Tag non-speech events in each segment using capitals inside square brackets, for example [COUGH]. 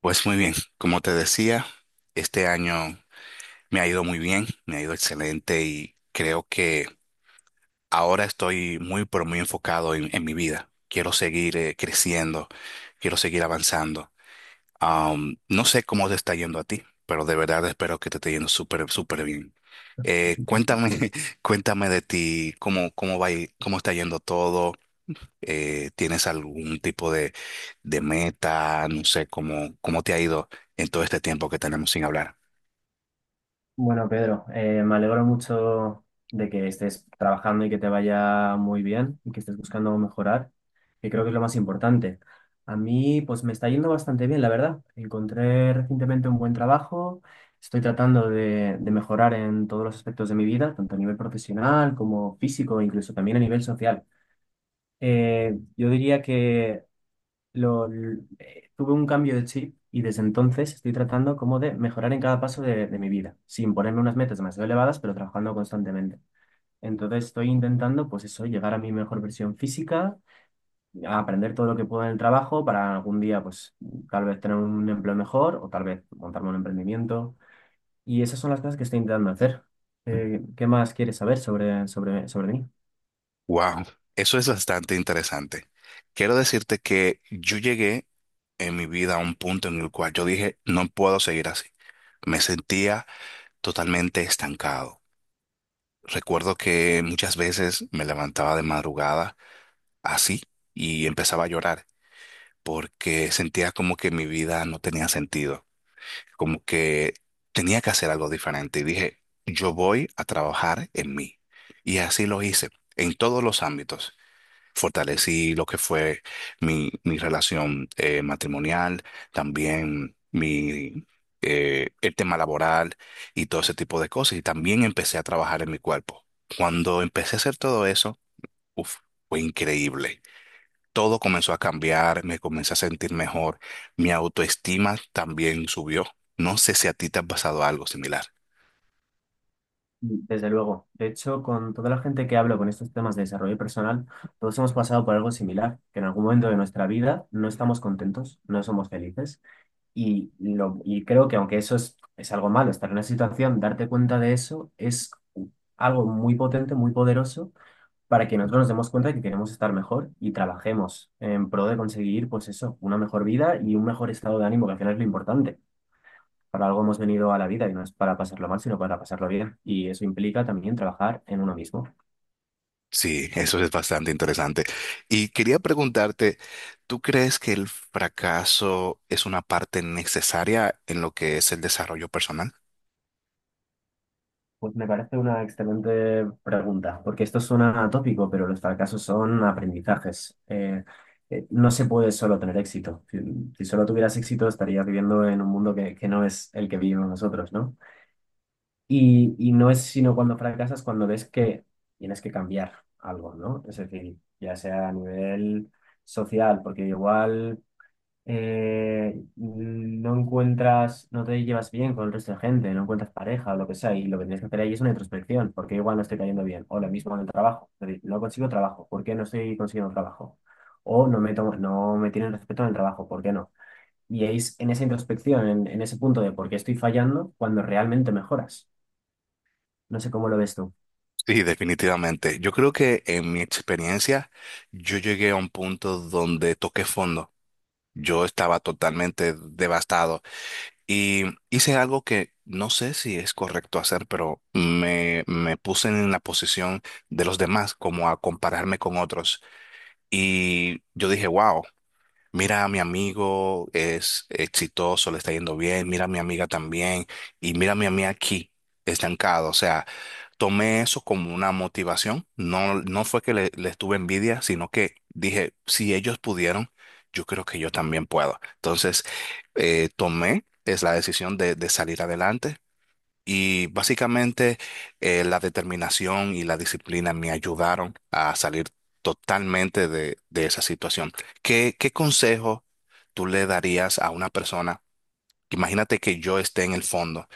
Pues muy bien, como te decía, este año me ha ido muy bien, me ha ido excelente y creo que ahora estoy muy, pero muy enfocado en mi vida. Quiero seguir creciendo, quiero seguir avanzando. No sé cómo te está yendo a ti, pero de verdad espero que te esté yendo súper, súper bien. Cuéntame, [LAUGHS] cuéntame de ti, cómo, cómo va, cómo está yendo todo, ¿tienes algún tipo de meta? No sé, ¿cómo, cómo te ha ido en todo este tiempo que tenemos sin hablar? Bueno, Pedro, me alegro mucho de que estés trabajando y que te vaya muy bien y que estés buscando mejorar, que creo que es lo más importante. A mí, pues me está yendo bastante bien, la verdad. Encontré recientemente un buen trabajo, estoy tratando de mejorar en todos los aspectos de mi vida, tanto a nivel profesional como físico, incluso también a nivel social. Yo diría que tuve un cambio de chip y desde entonces estoy tratando como de mejorar en cada paso de mi vida, sin ponerme unas metas demasiado elevadas, pero trabajando constantemente. Entonces estoy intentando, pues eso, llegar a mi mejor versión física, a aprender todo lo que puedo en el trabajo para algún día, pues tal vez tener un empleo mejor o tal vez montarme un emprendimiento. Y esas son las cosas que estoy intentando hacer. ¿Qué más quieres saber sobre, sobre mí? Wow, eso es bastante interesante. Quiero decirte que yo llegué en mi vida a un punto en el cual yo dije, no puedo seguir así. Me sentía totalmente estancado. Recuerdo que muchas veces me levantaba de madrugada así y empezaba a llorar porque sentía como que mi vida no tenía sentido. Como que tenía que hacer algo diferente y dije, yo voy a trabajar en mí. Y así lo hice, en todos los ámbitos. Fortalecí lo que fue mi relación matrimonial, también mi, el tema laboral y todo ese tipo de cosas. Y también empecé a trabajar en mi cuerpo. Cuando empecé a hacer todo eso, uf, fue increíble, todo comenzó a cambiar, me comencé a sentir mejor, mi autoestima también subió. No sé si a ti te ha pasado algo similar. Mm, desde luego. De hecho, con toda la gente que hablo con estos temas de desarrollo personal, todos hemos pasado por algo similar, que en algún momento de nuestra vida no estamos contentos, no somos felices. Y creo que aunque eso es algo malo, estar en una situación, darte cuenta de eso es algo muy potente, muy poderoso, para que nosotros nos demos cuenta de que queremos estar mejor y trabajemos en pro de conseguir, pues eso, una mejor vida y un mejor estado de ánimo, que al final es lo importante. Para algo hemos venido a la vida y no es para pasarlo mal, sino para pasarlo bien. Y eso implica también trabajar en uno mismo. Sí, eso es bastante interesante. Y quería preguntarte, ¿tú crees que el fracaso es una parte necesaria en lo que es el desarrollo personal? Pues me parece una excelente pregunta, porque esto suena atópico, pero los fracasos son aprendizajes. No se puede solo tener éxito. Si, si solo tuvieras éxito, estarías viviendo en un mundo que no es el que vivimos nosotros, ¿no? Y no es sino cuando fracasas, cuando ves que tienes que cambiar algo, ¿no? Es decir, ya sea a nivel social, porque igual no encuentras, no te llevas bien con el resto de gente, no encuentras pareja o lo que sea, y lo que tienes que hacer ahí es una introspección, porque igual no estoy cayendo bien, o lo mismo en el trabajo, es decir, no consigo trabajo, ¿por qué no estoy consiguiendo trabajo? O no me tomo- No me tienen respeto en el trabajo, ¿por qué no? Y es en esa introspección, en ese punto de por qué estoy fallando, cuando realmente mejoras. No sé cómo lo ves tú. Sí, definitivamente. Yo creo que en mi experiencia yo llegué a un punto donde toqué fondo. Yo estaba totalmente devastado y hice algo que no sé si es correcto hacer, pero me puse en la posición de los demás, como a compararme con otros. Y yo dije, wow, mira a mi amigo, es exitoso, le está yendo bien, mira a mi amiga también, y mira a mí aquí, estancado. O sea, tomé eso como una motivación. No, no fue que les tuve envidia, sino que dije, si ellos pudieron, yo creo que yo también puedo. Entonces, tomé es la decisión de salir adelante y básicamente la determinación y la disciplina me ayudaron a salir totalmente de esa situación. ¿Qué, qué consejo tú le darías a una persona? Imagínate que yo esté en el fondo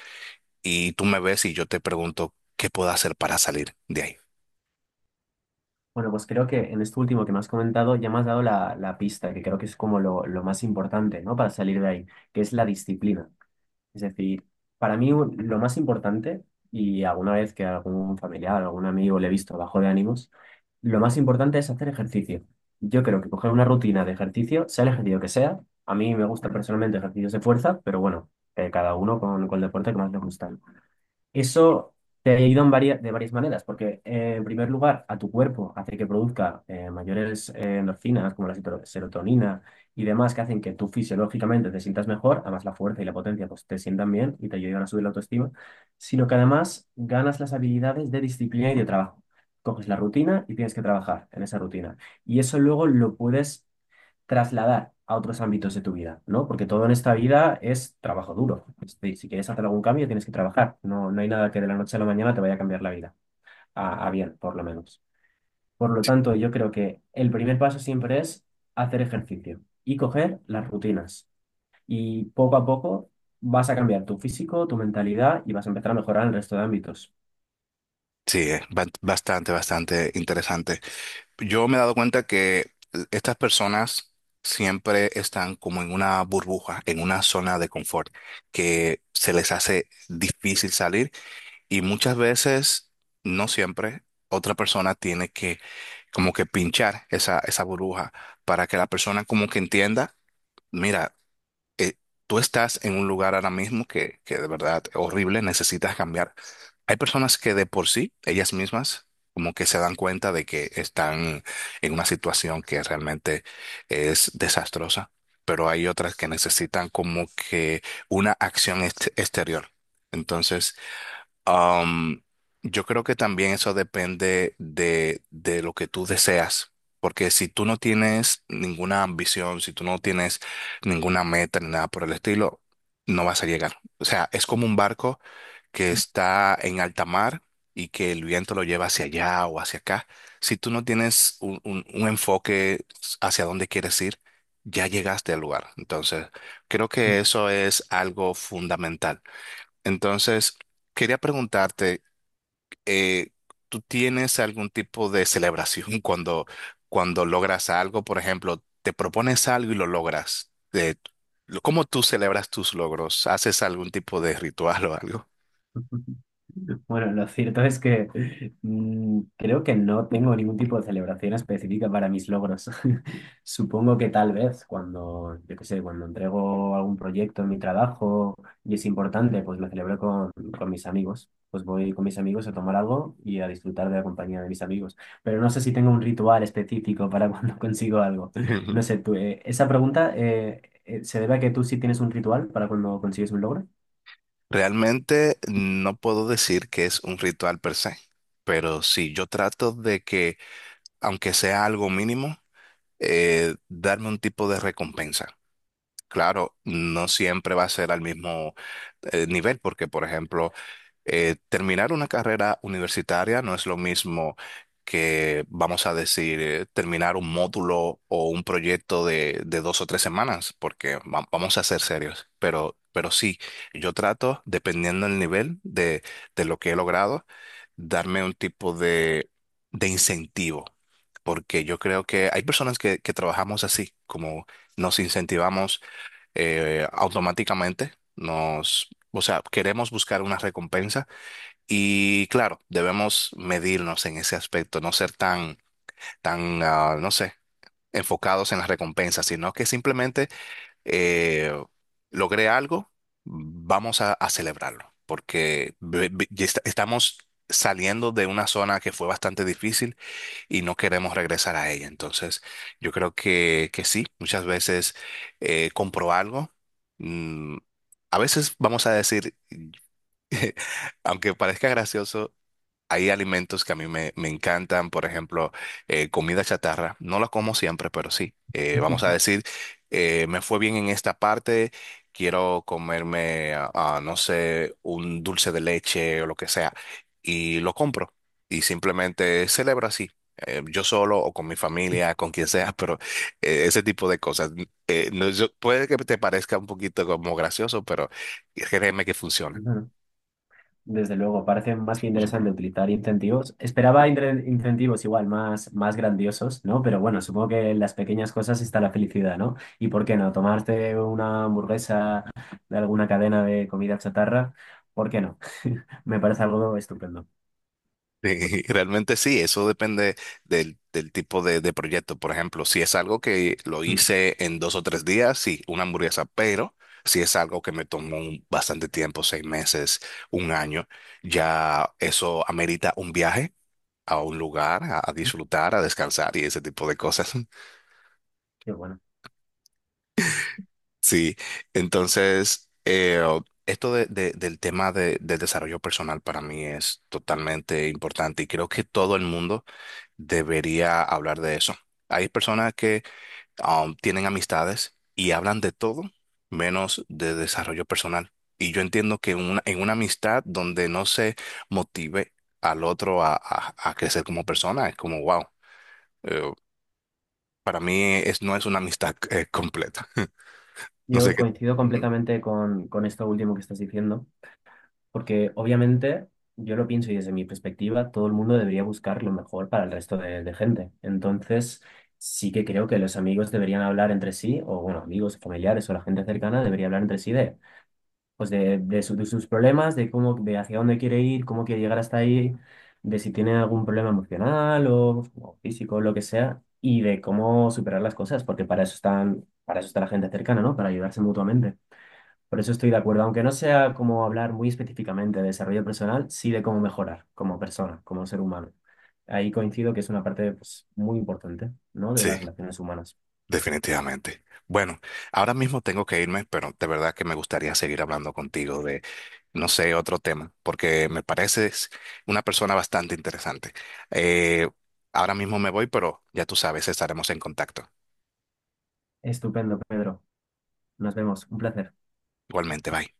y tú me ves y yo te pregunto, ¿qué puedo hacer para salir de ahí? Bueno, pues creo que en esto último que me has comentado ya me has dado la pista, que creo que es como lo más importante, ¿no? Para salir de ahí, que es la disciplina. Es decir, lo más importante, y alguna vez que algún familiar, algún amigo le he visto bajo de ánimos, lo más importante es hacer ejercicio. Yo creo que coger una rutina de ejercicio, sea el ejercicio que sea, a mí me gusta personalmente ejercicios de fuerza, pero bueno, cada uno con el deporte que más le gusta. Eso te ayuda en de varias maneras, porque en primer lugar, a tu cuerpo hace que produzca mayores endorfinas, como la serotonina y demás, que hacen que tú fisiológicamente te sientas mejor, además la fuerza y la potencia pues, te sientan bien y te ayudan a subir la autoestima, sino que además ganas las habilidades de disciplina y de trabajo. Coges la rutina y tienes que trabajar en esa rutina. Y eso luego lo puedes trasladar a otros ámbitos de tu vida, ¿no? Porque todo en esta vida es trabajo duro. Este, si quieres hacer algún cambio, tienes que trabajar. No, no hay nada que de la noche a la mañana te vaya a cambiar la vida. A bien, por lo menos. Por lo tanto, yo creo que el primer paso siempre es hacer ejercicio y coger las rutinas. Y poco a poco vas a cambiar tu físico, tu mentalidad y vas a empezar a mejorar en el resto de ámbitos. Sí, es bastante, bastante interesante. Yo me he dado cuenta que estas personas siempre están como en una burbuja, en una zona de confort, que se les hace difícil salir y muchas veces, no siempre, otra persona tiene que como que pinchar esa, esa burbuja para que la persona como que entienda, mira, eh, tú estás en un lugar ahora mismo que de verdad horrible, necesitas cambiar. Hay personas que de por sí, ellas mismas, como que se dan cuenta de que están en una situación que realmente es desastrosa, pero hay otras que necesitan como que una acción exterior. Entonces, Am, yo creo que también eso depende de lo que tú deseas, porque si tú no tienes ninguna ambición, si tú no tienes ninguna meta ni nada por el estilo, no vas a llegar. O sea, es como un barco que está en alta mar y que el viento lo lleva hacia allá o hacia acá. Si tú no tienes un enfoque hacia dónde quieres ir, ya llegaste al lugar. Entonces, creo que eso es algo fundamental. Entonces, quería preguntarte, eh, ¿tú tienes algún tipo de celebración cuando, cuando logras algo? Por ejemplo, te propones algo y lo logras. ¿Cómo tú celebras tus logros? ¿Haces algún tipo de ritual o algo? [LAUGHS] Bueno, lo cierto es que mm, creo que no tengo ningún tipo de celebración específica para mis logros. [LAUGHS] Supongo que tal vez cuando, yo qué sé, cuando entrego algún proyecto en mi trabajo y es importante, pues lo celebro con mis amigos. Pues voy con mis amigos a tomar algo y a disfrutar de la compañía de mis amigos. Pero no sé si tengo un ritual específico para [LAUGHS] cuando consigo algo. No sé, [LAUGHS] tú, esa pregunta se debe a que tú sí tienes un ritual para cuando consigues un logro. Realmente no puedo decir que es un ritual per se, pero sí, yo trato de que, aunque sea algo mínimo, darme un tipo de recompensa. Claro, no siempre va a ser al mismo nivel, porque, por ejemplo, terminar una carrera universitaria no es lo mismo que, vamos a decir, terminar un módulo o un proyecto de dos o tres semanas, porque vamos a ser serios. Pero sí, yo trato, dependiendo del nivel de lo que he logrado, darme un tipo de incentivo, porque yo creo que hay personas que trabajamos así, como nos incentivamos automáticamente nos, o sea, queremos buscar una recompensa y claro, debemos medirnos en ese aspecto, no ser tan, tan, no sé, enfocados en la recompensa, sino que simplemente eh, logré algo, vamos a celebrarlo, porque ya estamos saliendo de una zona que fue bastante difícil y no queremos regresar a ella. Entonces, yo creo que sí, muchas veces compro algo. mm, a veces vamos a decir, [LAUGHS] aunque parezca gracioso, hay alimentos que a mí me encantan, por ejemplo, comida chatarra. No la como siempre, pero sí. Vamos a [LAUGHS] decir, me fue bien en esta parte, quiero comerme, no sé, un dulce de leche o lo que sea, y lo compro. Y simplemente celebro así, yo solo o con mi familia, con quien sea, [LAUGHS] pero ese tipo de cosas. No, puede que te parezca un poquito como gracioso, pero créeme que funciona. Desde luego, parece más que interesante utilizar incentivos. Esperaba incentivos igual más, más grandiosos, ¿no? Pero bueno, supongo que en las pequeñas cosas está la felicidad, ¿no? ¿Y por qué no? Tomarte una hamburguesa de alguna cadena de comida chatarra, ¿por qué no? [LAUGHS] Me parece algo estupendo. Sí, [LAUGHS] realmente sí, eso depende del, del tipo de proyecto. Por ejemplo, si es algo que lo Mm, hice en dos o tres días, sí, una hamburguesa, pero si es algo que me tomó bastante tiempo, seis meses, un año, ya eso amerita un viaje a un lugar, a disfrutar, a descansar y ese tipo de cosas. [LAUGHS] qué bueno. Sí, entonces, esto del tema de, del desarrollo personal para mí es totalmente importante y creo que todo el mundo debería hablar de eso. Hay personas que tienen amistades y hablan de todo menos de desarrollo personal. Y yo entiendo que en una amistad donde no se motive al otro a, a crecer como persona, es como, wow, eh, para mí es, no es una amistad completa. [LAUGHS] No sé Yo qué. coincido Ujú. completamente con esto último que estás diciendo. Porque obviamente yo lo pienso y desde mi perspectiva todo el mundo debería buscar lo mejor para el resto de gente. Entonces sí que creo que los amigos deberían hablar entre sí, o bueno, amigos, familiares o la gente cercana debería hablar entre sí de, pues de, de sus problemas, de cómo, de hacia dónde quiere ir, cómo quiere llegar hasta ahí, de si tiene algún problema emocional o físico, lo que sea, y de cómo superar las cosas, porque para eso están, para eso está la gente cercana, ¿no? Para ayudarse mutuamente. Por eso estoy de acuerdo, aunque no sea como hablar muy específicamente de desarrollo personal, sí de cómo mejorar como persona, como ser humano. Ahí coincido que es una parte pues, muy importante, ¿no? De Sí. las relaciones humanas. Definitivamente. Bueno, ahora mismo tengo que irme, pero de verdad que me gustaría seguir hablando contigo de, no sé, otro tema, porque me pareces una persona bastante interesante. Eh, ahora mismo me voy, pero ya tú sabes, estaremos en contacto. Estupendo, Pedro. Nos vemos. Un placer. Igualmente, bye.